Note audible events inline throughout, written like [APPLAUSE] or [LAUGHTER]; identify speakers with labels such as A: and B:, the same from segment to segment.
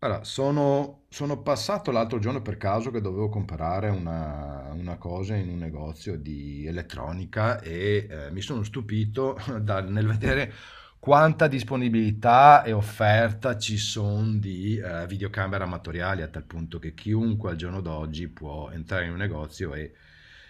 A: Allora, sono passato l'altro giorno per caso che dovevo comprare una cosa in un negozio di elettronica e mi sono stupito [LAUGHS] nel vedere quanta disponibilità e offerta ci sono di videocamere amatoriali, a tal punto che chiunque al giorno d'oggi può entrare in un negozio e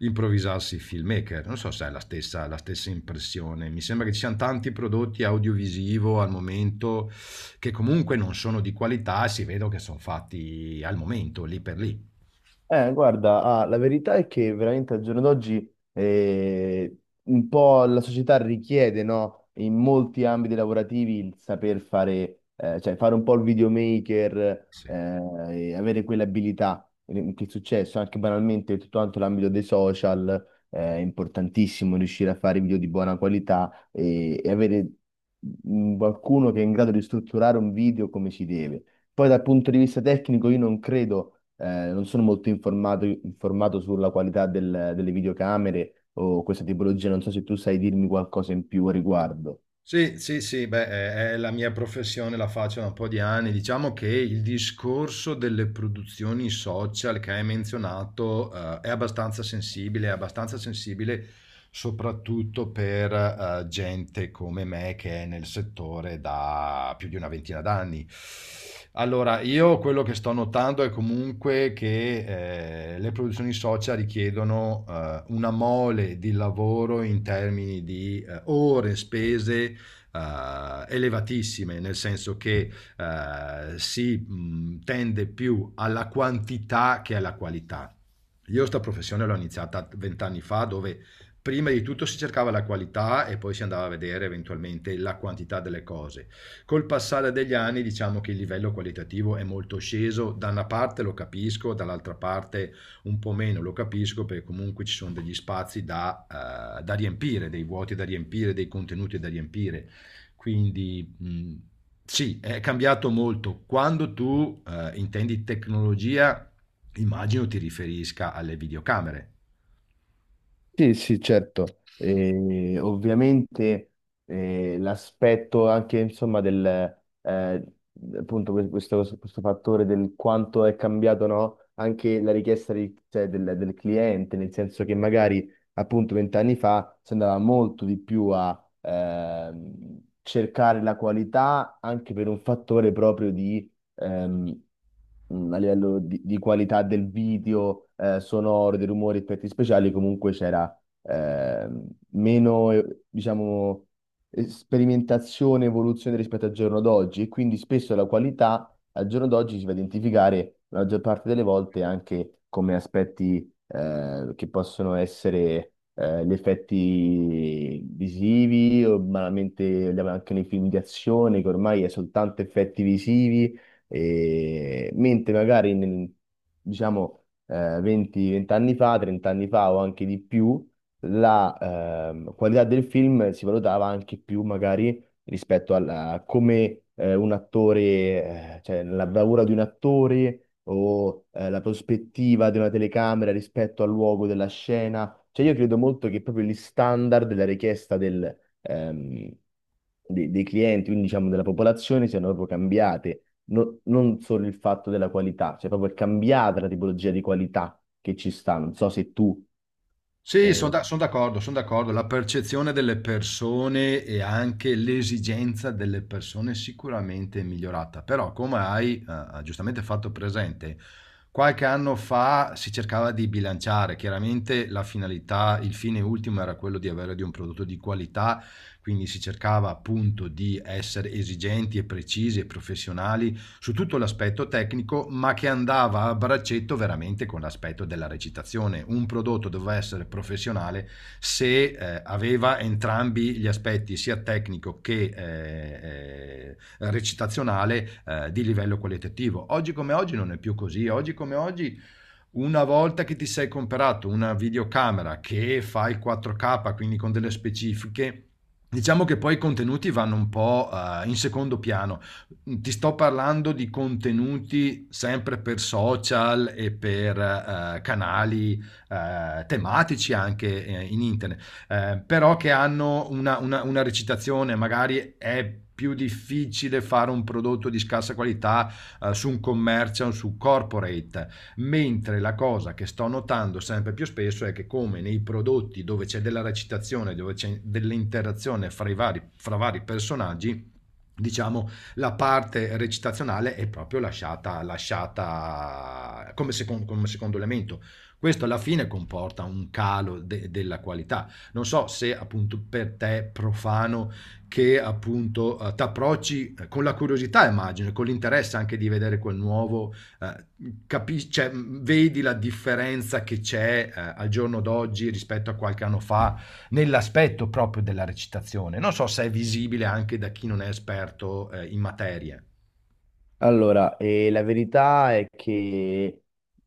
A: improvvisarsi filmmaker. Non so se è la stessa impressione. Mi sembra che ci siano tanti prodotti audiovisivo al momento che comunque non sono di qualità, si vedono che sono fatti al momento, lì per lì.
B: Guarda, ah, la verità è che veramente al giorno d'oggi un po' la società richiede, no, in molti ambiti lavorativi il saper fare, cioè fare un po' il videomaker,
A: Sì.
B: e avere quell'abilità che è successo anche banalmente tutto quanto l'ambito dei social, è importantissimo riuscire a fare video di buona qualità e avere qualcuno che è in grado di strutturare un video come si deve. Poi dal punto di vista tecnico io non credo, non sono molto informato sulla qualità delle videocamere o questa tipologia, non so se tu sai dirmi qualcosa in più a riguardo.
A: Sì, sì, sì, beh, è la mia professione, la faccio da un po' di anni. Diciamo che il discorso delle produzioni social che hai menzionato, è abbastanza sensibile soprattutto per, gente come me che è nel settore da più di una ventina d'anni. Allora, io quello che sto notando è comunque che le produzioni social richiedono una mole di lavoro in termini di ore spese elevatissime, nel senso che si tende più alla quantità che alla qualità. Io sta professione l'ho iniziata vent'anni fa, dove prima di tutto si cercava la qualità e poi si andava a vedere eventualmente la quantità delle cose. Col passare degli anni diciamo che il livello qualitativo è molto sceso, da una parte lo capisco, dall'altra parte un po' meno lo capisco perché comunque ci sono degli spazi da, da riempire, dei vuoti da riempire, dei contenuti da riempire quindi, sì, è cambiato molto. Quando tu, intendi tecnologia, immagino ti riferisca alle videocamere.
B: Sì, sì, certo. Ovviamente l'aspetto anche, insomma, del eh, appunto questo fattore del quanto è cambiato, no? Anche la richiesta cioè, del cliente, nel senso che magari appunto 20 anni fa si andava molto di più a cercare la qualità, anche per un fattore proprio di a livello di qualità del video, sonoro, dei rumori, effetti speciali. Comunque c'era eh, meno, diciamo, sperimentazione e evoluzione rispetto al giorno d'oggi, e quindi spesso la qualità al giorno d'oggi si va a identificare la maggior parte delle volte anche come aspetti che possono essere gli effetti visivi, o banalmente andiamo anche nei film di azione che ormai è soltanto effetti visivi, mentre magari diciamo, 20 anni fa, 30 anni fa o anche di più, la qualità del film si valutava anche più magari rispetto a come, un attore, cioè la bravura di un attore, o la prospettiva di una telecamera rispetto al luogo della scena. Cioè io credo molto che proprio gli standard della richiesta dei clienti, quindi diciamo della popolazione, siano proprio cambiate. Non solo il fatto della qualità, cioè proprio è cambiata la tipologia di qualità che ci sta. Non so se tu
A: Sì, sono
B: eh,
A: d'accordo, sono d'accordo. La percezione delle persone e anche l'esigenza delle persone sicuramente è migliorata, però come hai giustamente fatto presente, qualche anno fa si cercava di bilanciare, chiaramente la finalità, il fine ultimo era quello di avere di un prodotto di qualità, quindi si cercava appunto di essere esigenti e precisi e professionali su tutto l'aspetto tecnico, ma che andava a braccetto veramente con l'aspetto della recitazione. Un prodotto doveva essere professionale se aveva entrambi gli aspetti, sia tecnico che recitazionale, di livello qualitativo. Oggi come oggi non è più così, oggi come oggi una volta che ti sei comperato una videocamera che fa il 4K, quindi con delle specifiche, diciamo che poi i contenuti vanno un po' in secondo piano. Ti sto parlando di contenuti sempre per social e per canali tematici anche in internet, però che hanno una recitazione, magari è più difficile fare un prodotto di scarsa qualità su un commercial, su corporate, mentre la cosa che sto notando sempre più spesso è che come nei prodotti dove c'è della recitazione, dove c'è dell'interazione fra vari personaggi, diciamo la parte recitazionale è proprio lasciata come secondo elemento. Questo alla fine comporta un calo della qualità. Non so se appunto per te profano che appunto ti approcci con la curiosità, immagino, e con l'interesse anche di vedere quel nuovo, eh, capisci, cioè, vedi la differenza che c'è, al giorno d'oggi rispetto a qualche anno fa, nell'aspetto proprio della recitazione. Non so se è visibile anche da chi non è esperto, in materia.
B: allora, la verità è che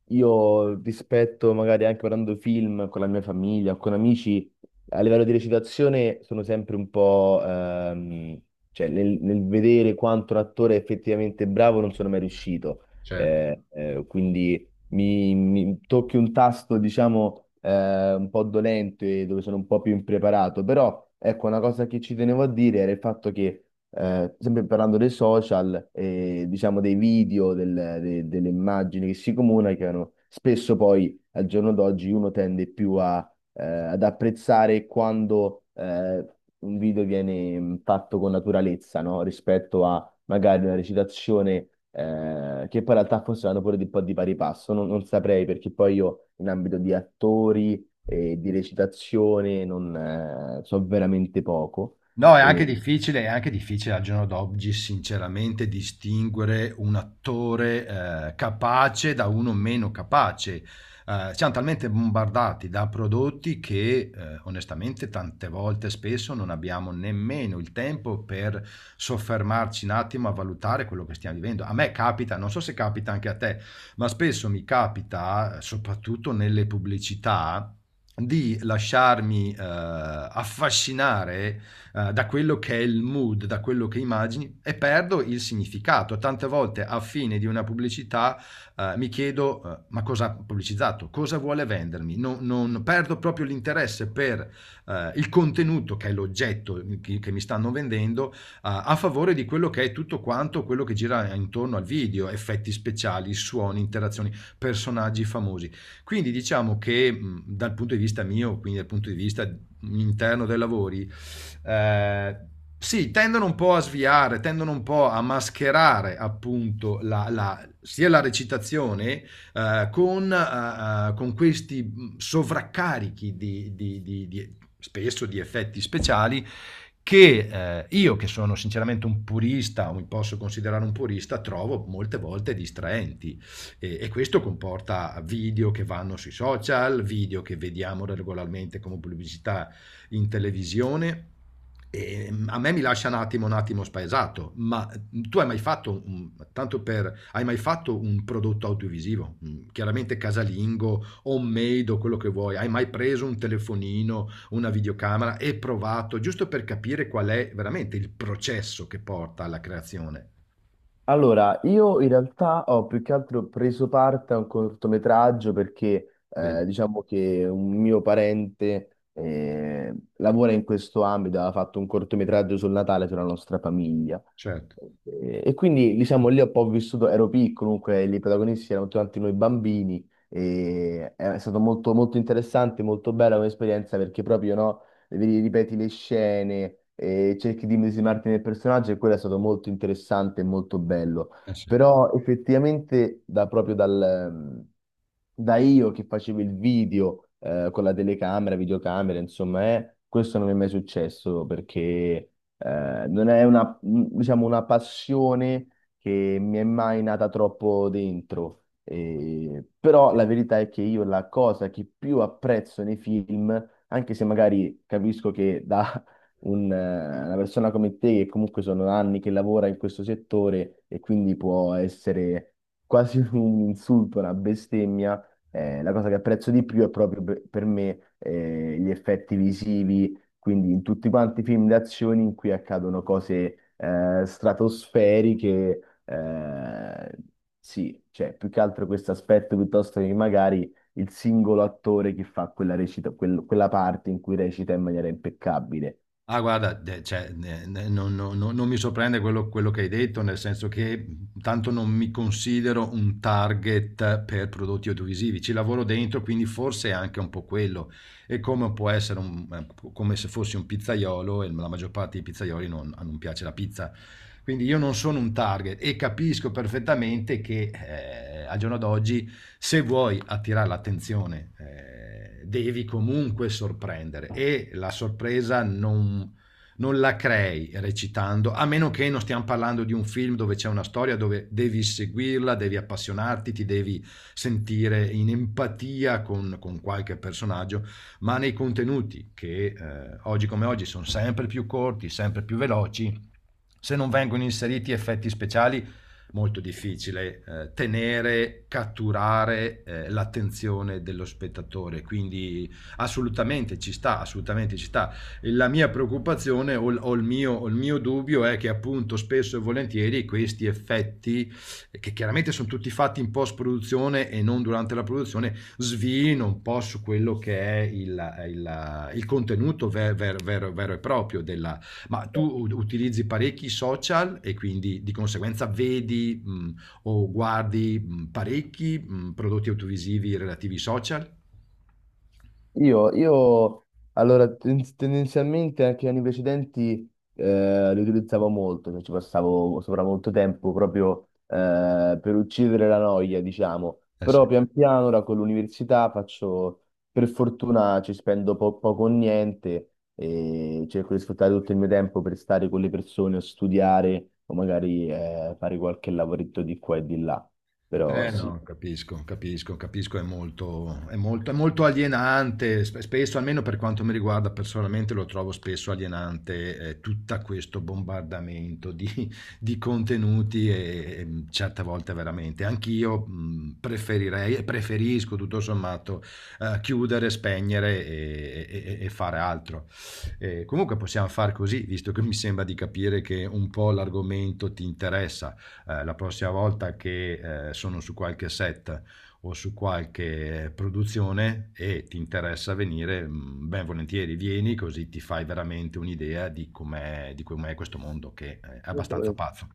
B: io, rispetto, magari anche guardando film con la mia famiglia o con amici, a livello di recitazione, sono sempre un po', cioè nel vedere quanto un attore è effettivamente bravo, non sono mai riuscito.
A: Cioè.
B: Quindi mi tocchi un tasto, diciamo, un po' dolente, dove sono un po' più impreparato. Però ecco, una cosa che ci tenevo a dire era il fatto che, sempre parlando dei social, e diciamo dei video, delle immagini che si comunicano, spesso poi al giorno d'oggi uno tende più ad apprezzare quando un video viene fatto con naturalezza, no? Rispetto a magari una recitazione che poi, in realtà, forse vanno pure di un po' di pari passo, non saprei, perché poi io, in ambito di attori e di recitazione, non so veramente poco.
A: No,
B: Mm.
A: è anche difficile al giorno d'oggi sinceramente distinguere un attore capace da uno meno capace. Siamo talmente bombardati da prodotti che onestamente tante volte spesso non abbiamo nemmeno il tempo per soffermarci un attimo a valutare quello che stiamo vivendo. A me capita, non so se capita anche a te, ma spesso mi capita, soprattutto nelle pubblicità, di lasciarmi affascinare da quello che è il mood, da quello che immagini e perdo il significato. Tante volte a fine di una pubblicità mi chiedo ma cosa ha pubblicizzato, cosa vuole vendermi, non perdo proprio l'interesse per il contenuto che è l'oggetto che mi stanno vendendo a favore di quello che è tutto quanto quello che gira intorno al video, effetti speciali, suoni, interazioni, personaggi famosi. Quindi diciamo che dal punto di vista mio, quindi dal punto di vista interno dei lavori, eh, sì, tendono un po' a sviare, tendono un po' a mascherare appunto sia la recitazione con questi sovraccarichi spesso di effetti speciali che io, che sono sinceramente un purista, o mi posso considerare un purista, trovo molte volte distraenti. E questo comporta video che vanno sui social, video che vediamo regolarmente come pubblicità in televisione e a me mi lascia un attimo spaesato, ma tu hai mai fatto, tanto per, hai mai fatto un prodotto audiovisivo, chiaramente casalingo, homemade o quello che vuoi, hai mai preso un telefonino, una videocamera e provato, giusto per capire qual è veramente il processo che porta alla creazione?
B: Allora, io in realtà ho più che altro preso parte a un cortometraggio, perché,
A: Vedi,
B: diciamo, che un mio parente lavora in questo ambito, ha fatto un cortometraggio sul Natale, sulla nostra famiglia.
A: certo.
B: E quindi, diciamo, lì ho un po' vissuto. Ero piccolo, comunque i protagonisti erano tutti noi bambini, e è stato molto, molto interessante, molto bella come esperienza, perché proprio, no, ripeti le scene e cerchi di immedesimarti nel personaggio, e quello è stato molto interessante e molto bello.
A: Eh sì.
B: Però effettivamente ehm, da io che facevo il video con la telecamera, videocamera, insomma, questo non mi è mai successo, perché non è una, diciamo, una passione che mi è mai nata troppo dentro. Però la verità è che, io, la cosa che più apprezzo nei film, anche se magari capisco che da una persona come te, che comunque sono anni che lavora in questo settore, e quindi può essere quasi [LAUGHS] un insulto, una bestemmia, la cosa che apprezzo di più è proprio, per me, gli effetti visivi, quindi in tutti quanti i film d'azione in cui accadono cose stratosferiche. Eh, sì, cioè più che altro questo aspetto, piuttosto che magari il singolo attore che fa quella recita, quella parte in cui recita in maniera impeccabile.
A: Ah guarda, de cioè, ne ne non mi sorprende quello che hai detto, nel senso che, tanto non mi considero un target per prodotti audiovisivi. Ci lavoro dentro, quindi forse è anche un po' quello e come può essere come se fossi un pizzaiolo e la maggior parte dei pizzaioli non piace la pizza. Quindi io non sono un target e capisco perfettamente che al giorno d'oggi se vuoi attirare l'attenzione devi comunque sorprendere e la sorpresa non la crei recitando, a meno che non stiamo parlando di un film dove c'è una storia dove devi seguirla, devi appassionarti, ti devi sentire in empatia con qualche personaggio, ma nei contenuti che oggi come oggi sono sempre più corti, sempre più veloci, se non vengono inseriti effetti speciali, molto difficile tenere, catturare l'attenzione dello spettatore, quindi assolutamente ci sta, assolutamente ci sta. E la mia preoccupazione il mio dubbio è che appunto spesso e volentieri questi effetti, che chiaramente sono tutti fatti in post produzione e non durante la produzione, svino un po' su quello che è il contenuto vero e proprio della... Ma tu utilizzi parecchi social e quindi di conseguenza vedi o guardi parecchi prodotti audiovisivi relativi ai social?
B: Io allora, tendenzialmente, anche gli anni precedenti li utilizzavo molto, cioè ci passavo sopra molto tempo, proprio per uccidere la noia, diciamo.
A: Eh sì.
B: Però pian piano, ora con l'università faccio, per fortuna, ci spendo poco o niente, e cerco di sfruttare tutto il mio tempo per stare con le persone o studiare o magari fare qualche lavoretto di qua e di là. Però
A: Eh no,
B: sì.
A: capisco, capisco, capisco, è molto, è molto, è molto alienante, spesso, almeno per quanto mi riguarda personalmente, lo trovo spesso alienante tutto questo bombardamento di, [LAUGHS] di contenuti certe volte veramente. Anch'io preferirei e preferisco tutto sommato chiudere, spegnere e fare altro. Comunque possiamo far così, visto che mi sembra di capire che un po' l'argomento ti interessa la prossima volta che sono su qualche set o su qualche produzione e ti interessa venire, ben volentieri vieni, così ti fai veramente un'idea di com'è questo mondo che è abbastanza pazzo.